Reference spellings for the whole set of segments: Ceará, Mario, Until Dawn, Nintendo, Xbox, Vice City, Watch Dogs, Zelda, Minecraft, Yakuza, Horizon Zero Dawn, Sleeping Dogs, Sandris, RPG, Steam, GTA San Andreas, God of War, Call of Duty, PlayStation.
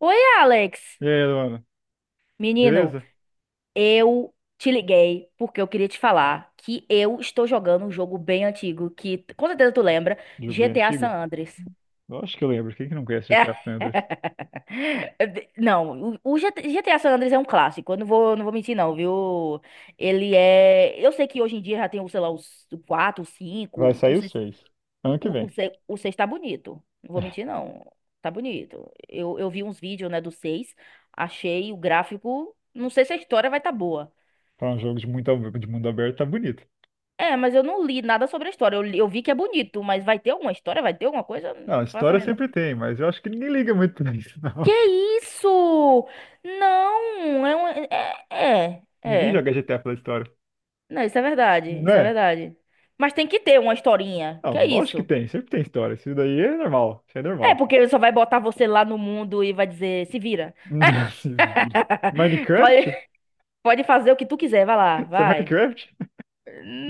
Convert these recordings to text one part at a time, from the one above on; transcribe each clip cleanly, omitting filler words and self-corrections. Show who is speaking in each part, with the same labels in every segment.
Speaker 1: Oi, Alex.
Speaker 2: E aí, Luana,
Speaker 1: Menino,
Speaker 2: beleza?
Speaker 1: eu te liguei porque eu queria te falar que eu estou jogando um jogo bem antigo que com certeza tu lembra,
Speaker 2: Jogo bem
Speaker 1: GTA San
Speaker 2: antigo?
Speaker 1: Andreas.
Speaker 2: Lógico que eu lembro, quem que não conhece GTA San Andreas?
Speaker 1: Não, o GTA San Andreas é um clássico, eu não vou mentir não, viu? Ele é, eu sei que hoje em dia já tem, sei lá, os 4,
Speaker 2: Vai
Speaker 1: 5, não
Speaker 2: sair os
Speaker 1: sei.
Speaker 2: seis ano que
Speaker 1: O, o,
Speaker 2: vem.
Speaker 1: se- o seis tá bonito. Não vou mentir, não. Tá bonito. Eu vi uns vídeos, né, do seis. Achei o gráfico. Não sei se a história vai tá boa.
Speaker 2: Pra um jogo de, muito, de mundo aberto, tá bonito.
Speaker 1: É, mas eu não li nada sobre a história. Eu vi que é bonito, mas vai ter alguma história? Vai ter alguma coisa?
Speaker 2: Não,
Speaker 1: Não faço a
Speaker 2: história
Speaker 1: menor.
Speaker 2: sempre tem, mas eu acho que ninguém liga muito pra isso,
Speaker 1: Que
Speaker 2: não.
Speaker 1: isso? Não. É, é.
Speaker 2: Ninguém
Speaker 1: é,
Speaker 2: joga GTA pela história.
Speaker 1: Não, isso é verdade,
Speaker 2: Não
Speaker 1: isso é
Speaker 2: é?
Speaker 1: verdade. Mas tem que ter uma historinha.
Speaker 2: Não,
Speaker 1: Que é
Speaker 2: lógico que
Speaker 1: isso?
Speaker 2: tem, sempre tem história. Isso daí é normal, isso é
Speaker 1: É,
Speaker 2: normal.
Speaker 1: porque ele só vai botar você lá no mundo e vai dizer, se vira.
Speaker 2: Se vira. Minecraft?
Speaker 1: Pode- Pode fazer o que tu quiser, vai lá,
Speaker 2: Isso é
Speaker 1: vai.
Speaker 2: Minecraft?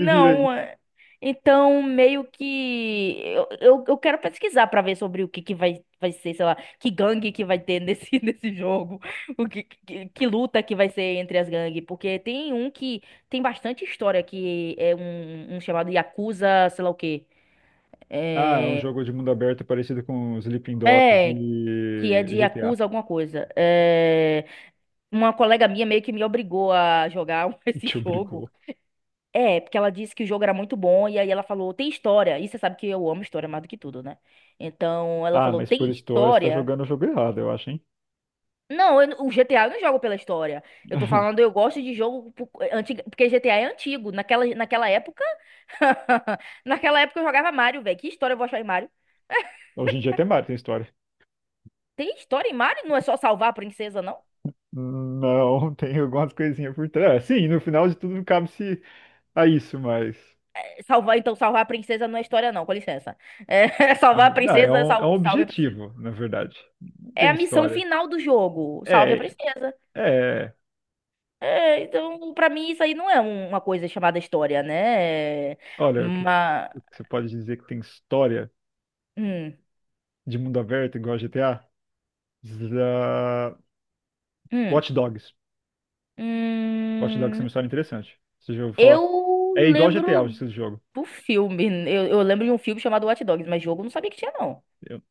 Speaker 2: Se vira aí.
Speaker 1: é- então meio que eu quero pesquisar pra ver sobre o que que vai ser, sei lá, que gangue que vai ter nesse, nesse jogo, o que luta que vai ser entre as gangues, porque tem um que tem bastante história que é um chamado Yakuza, sei lá o quê.
Speaker 2: Ah, é um
Speaker 1: É,
Speaker 2: jogo de mundo aberto parecido com Sleeping Dogs
Speaker 1: é, que é
Speaker 2: e
Speaker 1: de
Speaker 2: GTA.
Speaker 1: Yakuza alguma coisa. É, uma colega minha meio que me obrigou a jogar esse
Speaker 2: Te
Speaker 1: jogo.
Speaker 2: obrigou.
Speaker 1: É, porque ela disse que o jogo era muito bom, e aí ela falou, tem história. E você sabe que eu amo história mais do que tudo, né? Então ela
Speaker 2: Ah,
Speaker 1: falou,
Speaker 2: mas
Speaker 1: tem
Speaker 2: por história você tá
Speaker 1: história?
Speaker 2: jogando o jogo errado, eu acho, hein?
Speaker 1: Não, eu não- o GTA eu não jogo pela história. Eu tô falando, eu gosto de jogo porque GTA é antigo. Naquela época. Naquela época eu jogava Mario, velho. Que história eu vou achar em Mario?
Speaker 2: Hoje em dia até Mario tem história.
Speaker 1: Tem história em Mario? Não é só salvar a princesa, não?
Speaker 2: Não, tem algumas coisinhas por trás. É, sim, no final de tudo cabe-se a isso, mas.
Speaker 1: É, então, salvar a princesa não é história, não, com licença. É, salvar a
Speaker 2: Não, é
Speaker 1: princesa,
Speaker 2: um, é um
Speaker 1: salve a princesa.
Speaker 2: objetivo, na verdade. Não
Speaker 1: É
Speaker 2: tem
Speaker 1: a missão
Speaker 2: história.
Speaker 1: final do jogo. Salve a
Speaker 2: É,
Speaker 1: princesa.
Speaker 2: é.
Speaker 1: É, então, pra mim, isso aí não é uma coisa chamada história, né?
Speaker 2: Olha, o que
Speaker 1: Mas.
Speaker 2: o que você pode dizer que tem história
Speaker 1: Hum,
Speaker 2: de mundo aberto igual a GTA? Za-
Speaker 1: hum,
Speaker 2: Watch Dogs. Watch Dogs é uma
Speaker 1: hum,
Speaker 2: história interessante. Você já ouviu falar?
Speaker 1: eu
Speaker 2: É igual GTA, o
Speaker 1: lembro
Speaker 2: estilo de jogo.
Speaker 1: do filme. Eu lembro de um filme chamado Watch Dogs, mas jogo eu não sabia que tinha, não.
Speaker 2: Eu-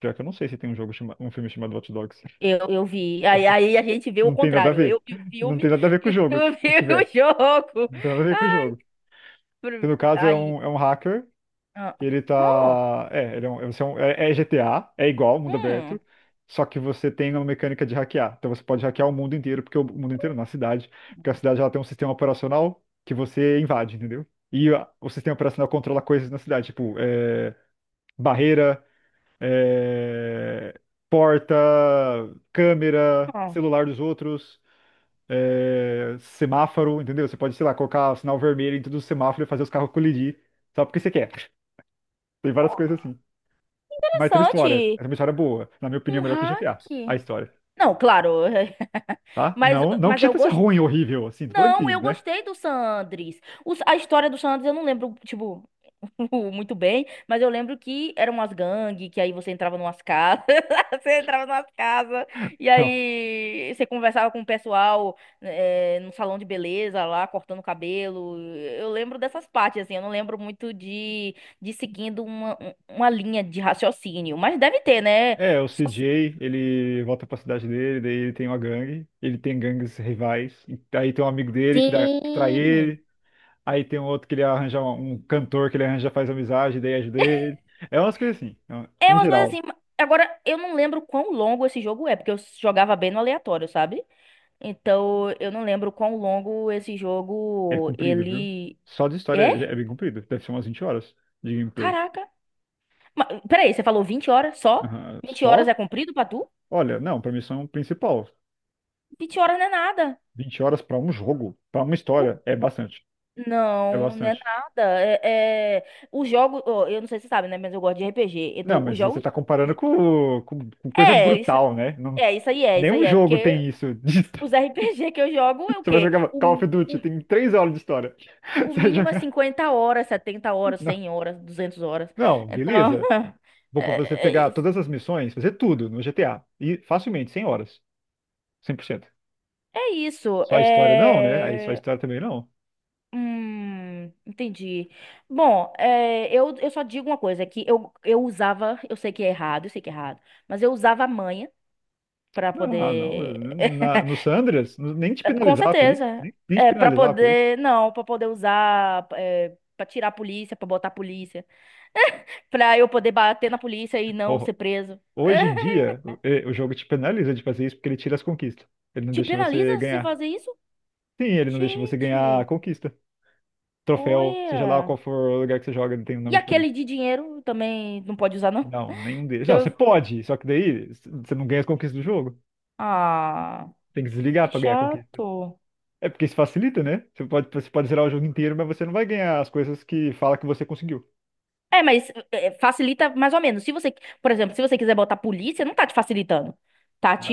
Speaker 2: pior que eu não sei se tem um jogo um filme chamado Watch Dogs.
Speaker 1: Eu vi. Aí a gente vê o
Speaker 2: Não tem nada a
Speaker 1: contrário. Eu
Speaker 2: ver.
Speaker 1: vi o
Speaker 2: Não
Speaker 1: filme
Speaker 2: tem nada a ver com o
Speaker 1: e tu
Speaker 2: jogo, se
Speaker 1: viu o
Speaker 2: tiver.
Speaker 1: jogo.
Speaker 2: Não tem nada a ver com o jogo. Que no caso é
Speaker 1: Aí.
Speaker 2: um, é um hacker,
Speaker 1: ah,
Speaker 2: que ele
Speaker 1: Oh,
Speaker 2: tá. É, ele é, um, você é GTA, é igual mundo aberto,
Speaker 1: hum,
Speaker 2: só que você tem uma mecânica de hackear. Então você pode hackear o mundo inteiro, porque o mundo inteiro, na cidade, porque a cidade ela tem um sistema operacional que você invade, entendeu? E o sistema operacional controla coisas na cidade, tipo, é, barreira, é, porta, câmera,
Speaker 1: ah,
Speaker 2: celular dos outros é, semáforo, entendeu? Você pode, sei lá, colocar sinal vermelho em todos os semáforos e fazer os carros colidir só porque você quer. Tem várias coisas assim. Mas tem uma história.
Speaker 1: Interessante.
Speaker 2: É uma história boa. Na minha opinião, é
Speaker 1: Um
Speaker 2: melhor que
Speaker 1: hack.
Speaker 2: GTA. A história,
Speaker 1: Não, claro.
Speaker 2: tá?
Speaker 1: Mas,
Speaker 2: Não, não que
Speaker 1: mas eu
Speaker 2: GTA seja
Speaker 1: gosto.
Speaker 2: ruim, horrível, assim, tô falando
Speaker 1: Não,
Speaker 2: que,
Speaker 1: eu
Speaker 2: né?
Speaker 1: gostei do Sandris. A história do Sandris eu não lembro, tipo, muito bem, mas eu lembro que eram umas gangues, que aí você entrava numas casas, você entrava numas casas, e
Speaker 2: Não.
Speaker 1: aí você conversava com o pessoal no salão de beleza lá, cortando o cabelo. Eu lembro dessas partes, assim, eu não lembro muito de, seguindo uma linha de raciocínio, mas deve ter, né?
Speaker 2: É, o
Speaker 1: Só-
Speaker 2: CJ, ele volta pra cidade dele, daí ele tem uma gangue, ele tem gangues rivais, e aí tem um amigo dele que, que trai
Speaker 1: Sim.
Speaker 2: ele, aí tem um outro que ele arranja um cantor que ele arranja, faz amizade, daí ajuda ele. É umas coisas assim,
Speaker 1: É
Speaker 2: em
Speaker 1: umas coisas
Speaker 2: geral.
Speaker 1: assim. Agora, eu não lembro quão longo esse jogo é, porque eu jogava bem no aleatório, sabe? Então, eu não lembro quão longo esse
Speaker 2: É
Speaker 1: jogo
Speaker 2: comprido, viu?
Speaker 1: ele
Speaker 2: Só de história
Speaker 1: é.
Speaker 2: é bem comprido. Deve ser umas 20 horas de gameplay.
Speaker 1: Caraca. Mas, peraí, você falou 20 horas só?
Speaker 2: Aham.
Speaker 1: 20 horas é
Speaker 2: Só?
Speaker 1: comprido pra tu?
Speaker 2: Olha, não, pra missão principal.
Speaker 1: 20 horas não é nada.
Speaker 2: 20 horas pra um jogo, pra uma
Speaker 1: O-
Speaker 2: história, é bastante. É
Speaker 1: Não, não é
Speaker 2: bastante.
Speaker 1: nada. O jogo, ó, eu não sei se você sabe, né? Mas eu gosto de RPG.
Speaker 2: Não,
Speaker 1: Então, os
Speaker 2: mas aí você
Speaker 1: jogos.
Speaker 2: tá comparando com coisa
Speaker 1: É, isso,
Speaker 2: brutal, né? Não,
Speaker 1: é, isso aí é, isso aí
Speaker 2: nenhum
Speaker 1: é.
Speaker 2: jogo
Speaker 1: Porque
Speaker 2: tem isso de história.
Speaker 1: os RPG que eu jogo é o
Speaker 2: Você vai
Speaker 1: quê?
Speaker 2: jogar
Speaker 1: O
Speaker 2: Call of Duty, tem 3 horas de história.
Speaker 1: O
Speaker 2: Você vai
Speaker 1: mínimo é
Speaker 2: jogar.
Speaker 1: 50 horas, 70 horas,
Speaker 2: Não,
Speaker 1: 100 horas, 200 horas.
Speaker 2: não,
Speaker 1: Então,
Speaker 2: beleza. Vou pra
Speaker 1: é,
Speaker 2: você
Speaker 1: é
Speaker 2: pegar
Speaker 1: isso.
Speaker 2: todas as missões, fazer tudo no GTA. E facilmente, 100 horas. 100%.
Speaker 1: É isso.
Speaker 2: Só a história não, né? Aí só a história também não.
Speaker 1: Entendi. Bom, eu só digo uma coisa, é que eu usava, eu sei que é errado, eu sei que é errado, mas eu usava a manha pra
Speaker 2: Não, ah, não.
Speaker 1: poder...
Speaker 2: No Sandras, nem te
Speaker 1: Com
Speaker 2: penalizar por isso.
Speaker 1: certeza.
Speaker 2: Nem te
Speaker 1: É, para
Speaker 2: penalizar por isso.
Speaker 1: poder... Não, pra poder usar... É, pra tirar a polícia, pra botar a polícia. Pra eu poder bater na polícia e não
Speaker 2: Ho-
Speaker 1: ser preso.
Speaker 2: Hoje em dia, o jogo te penaliza de fazer isso porque ele tira as conquistas. Ele não
Speaker 1: Te
Speaker 2: deixa você
Speaker 1: penaliza se
Speaker 2: ganhar.
Speaker 1: fazer isso?
Speaker 2: Sim, ele não deixa você ganhar a
Speaker 1: Gente,
Speaker 2: conquista. Troféu, seja lá
Speaker 1: olha.
Speaker 2: qual for o lugar que você joga, ele tem um
Speaker 1: E
Speaker 2: nome
Speaker 1: aquele
Speaker 2: diferente.
Speaker 1: de dinheiro também não pode usar, não?
Speaker 2: Não, nenhum deles.
Speaker 1: Que
Speaker 2: Não, você
Speaker 1: Eu-
Speaker 2: pode, só que daí você não ganha as conquistas do jogo.
Speaker 1: Ah,
Speaker 2: Tem que desligar
Speaker 1: que
Speaker 2: pra ganhar a conquista.
Speaker 1: chato.
Speaker 2: É porque isso facilita, né? Você pode zerar o jogo inteiro, mas você não vai ganhar as coisas que fala que você conseguiu.
Speaker 1: É, mas facilita mais ou menos. Se você, por exemplo, se você quiser botar polícia, não tá te facilitando. Tá te.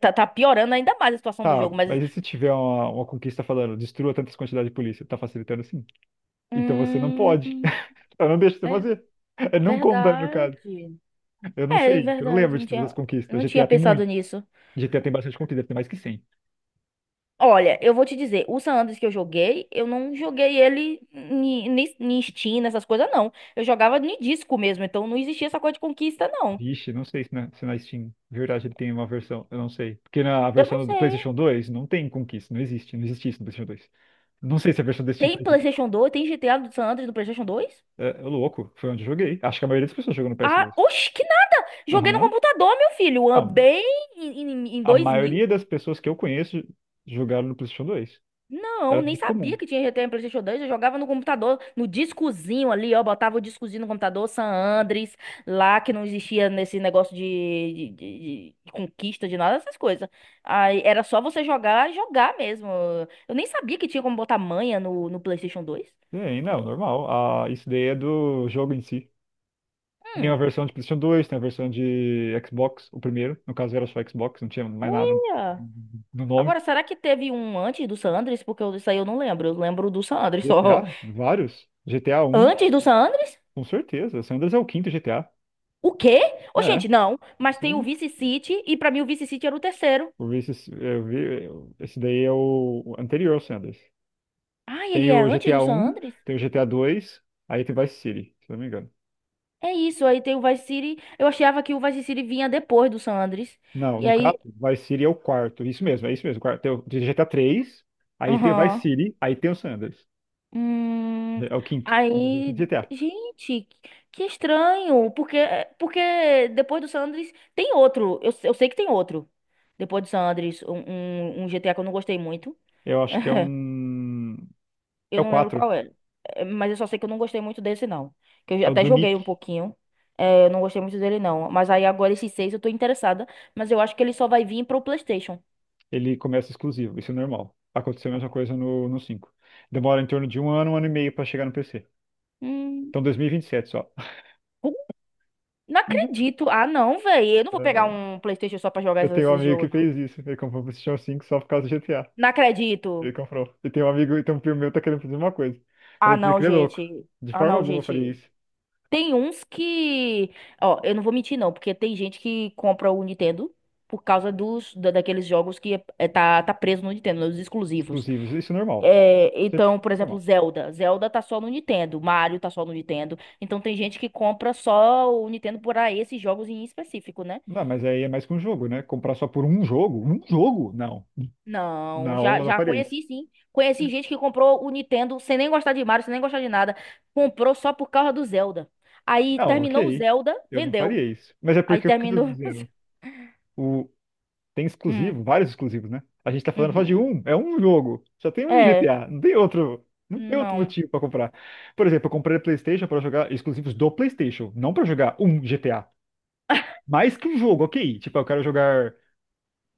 Speaker 1: Tá piorando ainda mais a situação do
Speaker 2: Tá,
Speaker 1: jogo, mas.
Speaker 2: mas e se tiver uma conquista falando, destrua tantas quantidades de polícia? Tá facilitando sim. Então você não pode.
Speaker 1: Hum,
Speaker 2: Eu não deixo você
Speaker 1: ver-
Speaker 2: fazer. Eu não conta, no caso.
Speaker 1: Verdade.
Speaker 2: Eu não
Speaker 1: É,
Speaker 2: sei. Eu não lembro
Speaker 1: verdade.
Speaker 2: de
Speaker 1: Não
Speaker 2: todas as
Speaker 1: tinha,
Speaker 2: conquistas.
Speaker 1: não tinha
Speaker 2: GTA tem
Speaker 1: pensado
Speaker 2: muito.
Speaker 1: nisso.
Speaker 2: GTA tem bastante conquista, deve ter mais que 100.
Speaker 1: Olha, eu vou te dizer, o San Andreas que eu joguei, eu não joguei ele em Steam, nessas coisas, não. Eu jogava em disco mesmo, então não existia essa coisa de conquista, não.
Speaker 2: Vixe, não sei se na Steam, de verdade, ele tem uma versão. Eu não sei. Porque na
Speaker 1: Eu não
Speaker 2: versão do
Speaker 1: sei.
Speaker 2: PlayStation 2 não tem conquista. Não existe. Não existe isso no PlayStation 2. Não sei se a versão desse Steam
Speaker 1: Tem
Speaker 2: faz isso.
Speaker 1: PlayStation 2? Tem GTA do San Andreas do PlayStation 2?
Speaker 2: É, é louco. Foi onde eu joguei. Acho que a maioria das pessoas jogou no ps
Speaker 1: Ah,
Speaker 2: dois
Speaker 1: oxe, que nada! Joguei no
Speaker 2: Aham.
Speaker 1: computador, meu filho,
Speaker 2: Não.
Speaker 1: bem em
Speaker 2: A
Speaker 1: 2000.
Speaker 2: maioria das pessoas que eu conheço jogaram no PlayStation 2.
Speaker 1: Não,
Speaker 2: Era
Speaker 1: nem
Speaker 2: muito
Speaker 1: sabia
Speaker 2: comum.
Speaker 1: que tinha GTA em PlayStation 2. Eu jogava no computador, no discozinho ali, ó. Botava o discozinho no computador, San Andres, lá que não existia nesse negócio de conquista, de nada dessas coisas. Aí era só você jogar, jogar mesmo. Eu nem sabia que tinha como botar manha no PlayStation 2.
Speaker 2: Tem, não, normal. Ah, isso daí é do jogo em si. Tem a
Speaker 1: Hum,
Speaker 2: versão de PlayStation 2, tem a versão de Xbox, o primeiro. No caso era só Xbox, não tinha mais nada
Speaker 1: uia.
Speaker 2: no nome.
Speaker 1: Agora, será que teve um antes do San Andres? Porque isso aí eu não lembro. Eu lembro do San Andres só.
Speaker 2: GTA, vários. GTA 1
Speaker 1: Antes do San Andres?
Speaker 2: com certeza. San Andreas é o quinto GTA.
Speaker 1: O quê? Ô,
Speaker 2: É,
Speaker 1: gente, não. Mas tem o
Speaker 2: sim.
Speaker 1: Vice City, e pra mim o Vice City era o terceiro.
Speaker 2: Eu vi esse, eu vi, esse daí é o anterior ao San Andreas.
Speaker 1: Ah, ele
Speaker 2: Tem
Speaker 1: é
Speaker 2: o
Speaker 1: antes
Speaker 2: GTA
Speaker 1: do San
Speaker 2: um
Speaker 1: Andres?
Speaker 2: tem o GTA 2, aí tem Vice City, se não me engano.
Speaker 1: É isso, aí tem o Vice City. Eu achava que o Vice City vinha depois do San Andres.
Speaker 2: Não,
Speaker 1: E
Speaker 2: no
Speaker 1: aí.
Speaker 2: caso, Vice City é o quarto. Isso mesmo, é isso mesmo. O quarto. Tem o de GTA 3, aí tem o Vice
Speaker 1: Aham.
Speaker 2: City, aí tem o San Andreas.
Speaker 1: Hum,
Speaker 2: É o quinto. É o quinto
Speaker 1: aí.
Speaker 2: GTA.
Speaker 1: Gente, que estranho. Porque, porque depois do San Andres tem outro. Eu sei que tem outro. Depois do San Andres, um GTA que eu não gostei muito.
Speaker 2: Eu acho que é um. É
Speaker 1: Eu
Speaker 2: o
Speaker 1: não lembro
Speaker 2: quatro.
Speaker 1: qual era. É, mas eu só sei que eu não gostei muito desse, não. Que eu
Speaker 2: É o
Speaker 1: até
Speaker 2: do
Speaker 1: joguei
Speaker 2: Nick.
Speaker 1: um pouquinho. É, eu não gostei muito dele, não. Mas aí agora esses 6 eu tô interessada. Mas eu acho que ele só vai vir pro PlayStation.
Speaker 2: Ele começa exclusivo. Isso é normal. Aconteceu a mesma coisa no 5. Demora em torno de um ano e meio pra chegar no PC.
Speaker 1: Hum,
Speaker 2: Então 2027 só.
Speaker 1: Como? Não acredito. Ah, não, velho. Eu não vou pegar
Speaker 2: Eh,
Speaker 1: um PlayStation só pra jogar
Speaker 2: Eu
Speaker 1: esse
Speaker 2: tenho um
Speaker 1: esse
Speaker 2: amigo
Speaker 1: jogo,
Speaker 2: que
Speaker 1: não.
Speaker 2: fez isso. Ele comprou o PlayStation 5 só por causa do GTA.
Speaker 1: Não
Speaker 2: Ele
Speaker 1: acredito.
Speaker 2: comprou. E tem um amigo, e tem um primo meu que tá querendo fazer uma coisa.
Speaker 1: Ah,
Speaker 2: Falei, porque ele
Speaker 1: não,
Speaker 2: que ele é louco.
Speaker 1: gente.
Speaker 2: De
Speaker 1: Ah,
Speaker 2: forma
Speaker 1: não,
Speaker 2: alguma eu faria
Speaker 1: gente.
Speaker 2: isso.
Speaker 1: Tem uns que. Ó, eu não vou mentir, não. Porque tem gente que compra o Nintendo por causa daqueles jogos que é, tá preso no Nintendo, dos exclusivos.
Speaker 2: Exclusivos. Isso é normal.
Speaker 1: É,
Speaker 2: Sempre
Speaker 1: então,
Speaker 2: foi
Speaker 1: por exemplo,
Speaker 2: normal.
Speaker 1: Zelda. Zelda tá só no Nintendo, Mario tá só no Nintendo. Então tem gente que compra só o Nintendo por para esses jogos em específico, né?
Speaker 2: Não, mas aí é mais que um jogo, né? Comprar só por um jogo? Um jogo? Não.
Speaker 1: Não,
Speaker 2: Não,
Speaker 1: já,
Speaker 2: eu não
Speaker 1: já
Speaker 2: faria isso.
Speaker 1: conheci sim. Conheci gente que comprou o Nintendo sem nem gostar de Mario, sem nem gostar de nada. Comprou só por causa do Zelda. Aí
Speaker 2: Não,
Speaker 1: terminou o
Speaker 2: ok.
Speaker 1: Zelda,
Speaker 2: Eu não
Speaker 1: vendeu.
Speaker 2: faria isso. Mas é
Speaker 1: Aí
Speaker 2: porque o que eu tô
Speaker 1: terminou.
Speaker 2: dizendo? O... Tem
Speaker 1: Hum,
Speaker 2: exclusivo, vários exclusivos, né? A gente tá falando só de
Speaker 1: uhum.
Speaker 2: um. É um jogo. Só tem um
Speaker 1: É,
Speaker 2: GTA. Não tem outro. Não tem outro
Speaker 1: não.
Speaker 2: motivo pra comprar. Por exemplo, eu comprei a PlayStation pra jogar exclusivos do PlayStation, não pra jogar um GTA. Mais que um jogo, ok. Tipo, eu quero jogar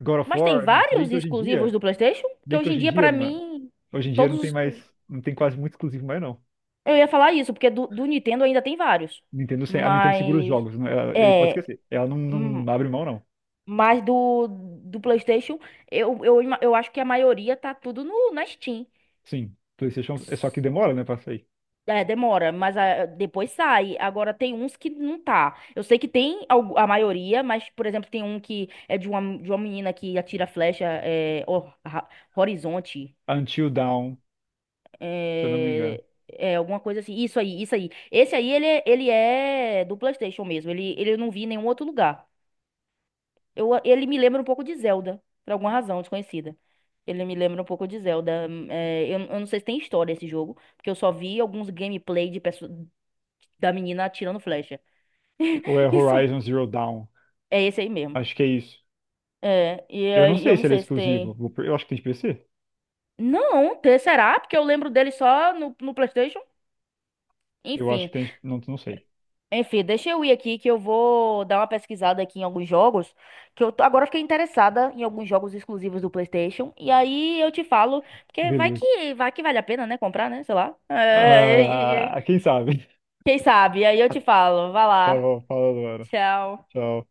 Speaker 2: God of
Speaker 1: Mas tem
Speaker 2: War. Não, se bem
Speaker 1: vários
Speaker 2: que hoje em
Speaker 1: exclusivos
Speaker 2: dia
Speaker 1: do PlayStation, que
Speaker 2: bem que
Speaker 1: hoje em
Speaker 2: hoje em
Speaker 1: dia,
Speaker 2: dia,
Speaker 1: pra
Speaker 2: mano,
Speaker 1: mim,
Speaker 2: hoje em dia não tem
Speaker 1: todos
Speaker 2: mais,
Speaker 1: os.
Speaker 2: não tem quase muito exclusivo mais não.
Speaker 1: Eu ia falar isso, porque do Nintendo ainda tem vários.
Speaker 2: Nintendo, a Nintendo segura os
Speaker 1: Mas.
Speaker 2: jogos, né? Ele pode
Speaker 1: É.
Speaker 2: esquecer. Ela
Speaker 1: hum,
Speaker 2: não abre mão não.
Speaker 1: Mas do PlayStation, eu acho que a maioria tá tudo no, na Steam.
Speaker 2: Sim, PlayStation é só que
Speaker 1: S-
Speaker 2: demora, né, pra sair.
Speaker 1: É, demora, mas depois sai. Agora tem uns que não tá. Eu sei que tem a maioria, mas, por exemplo, tem um que é de uma, menina que atira flecha, horizonte.
Speaker 2: Until Dawn, se eu não me engano.
Speaker 1: É, alguma coisa assim. Isso aí, isso aí. Esse aí, ele é do PlayStation mesmo. Ele eu não vi em nenhum outro lugar. Ele me lembra um pouco de Zelda, por alguma razão desconhecida. Ele me lembra um pouco de Zelda. Eu não sei se tem história esse jogo, porque eu só vi alguns gameplay de da menina atirando flecha.
Speaker 2: Ou é
Speaker 1: Isso
Speaker 2: Horizon Zero Dawn.
Speaker 1: é esse aí mesmo.
Speaker 2: Acho que é isso.
Speaker 1: É, e
Speaker 2: Eu não
Speaker 1: aí eu
Speaker 2: sei
Speaker 1: não
Speaker 2: se ele é
Speaker 1: sei se
Speaker 2: exclusivo.
Speaker 1: tem.
Speaker 2: Eu acho que tem de PC.
Speaker 1: Não, será? Porque eu lembro dele só no PlayStation.
Speaker 2: Eu acho
Speaker 1: Enfim.
Speaker 2: que tem de... Não, não sei.
Speaker 1: Deixa eu ir aqui que eu vou dar uma pesquisada aqui em alguns jogos, que agora fiquei interessada em alguns jogos exclusivos do PlayStation, e aí eu te falo, porque vai
Speaker 2: Beleza.
Speaker 1: que vai que vale a pena, né, comprar, né, sei lá. É, e- e- e-
Speaker 2: Ah, quem sabe?
Speaker 1: Quem sabe? Aí eu te falo. Vai
Speaker 2: Tá
Speaker 1: lá.
Speaker 2: bom, falando, mano.
Speaker 1: Tchau.
Speaker 2: Tchau.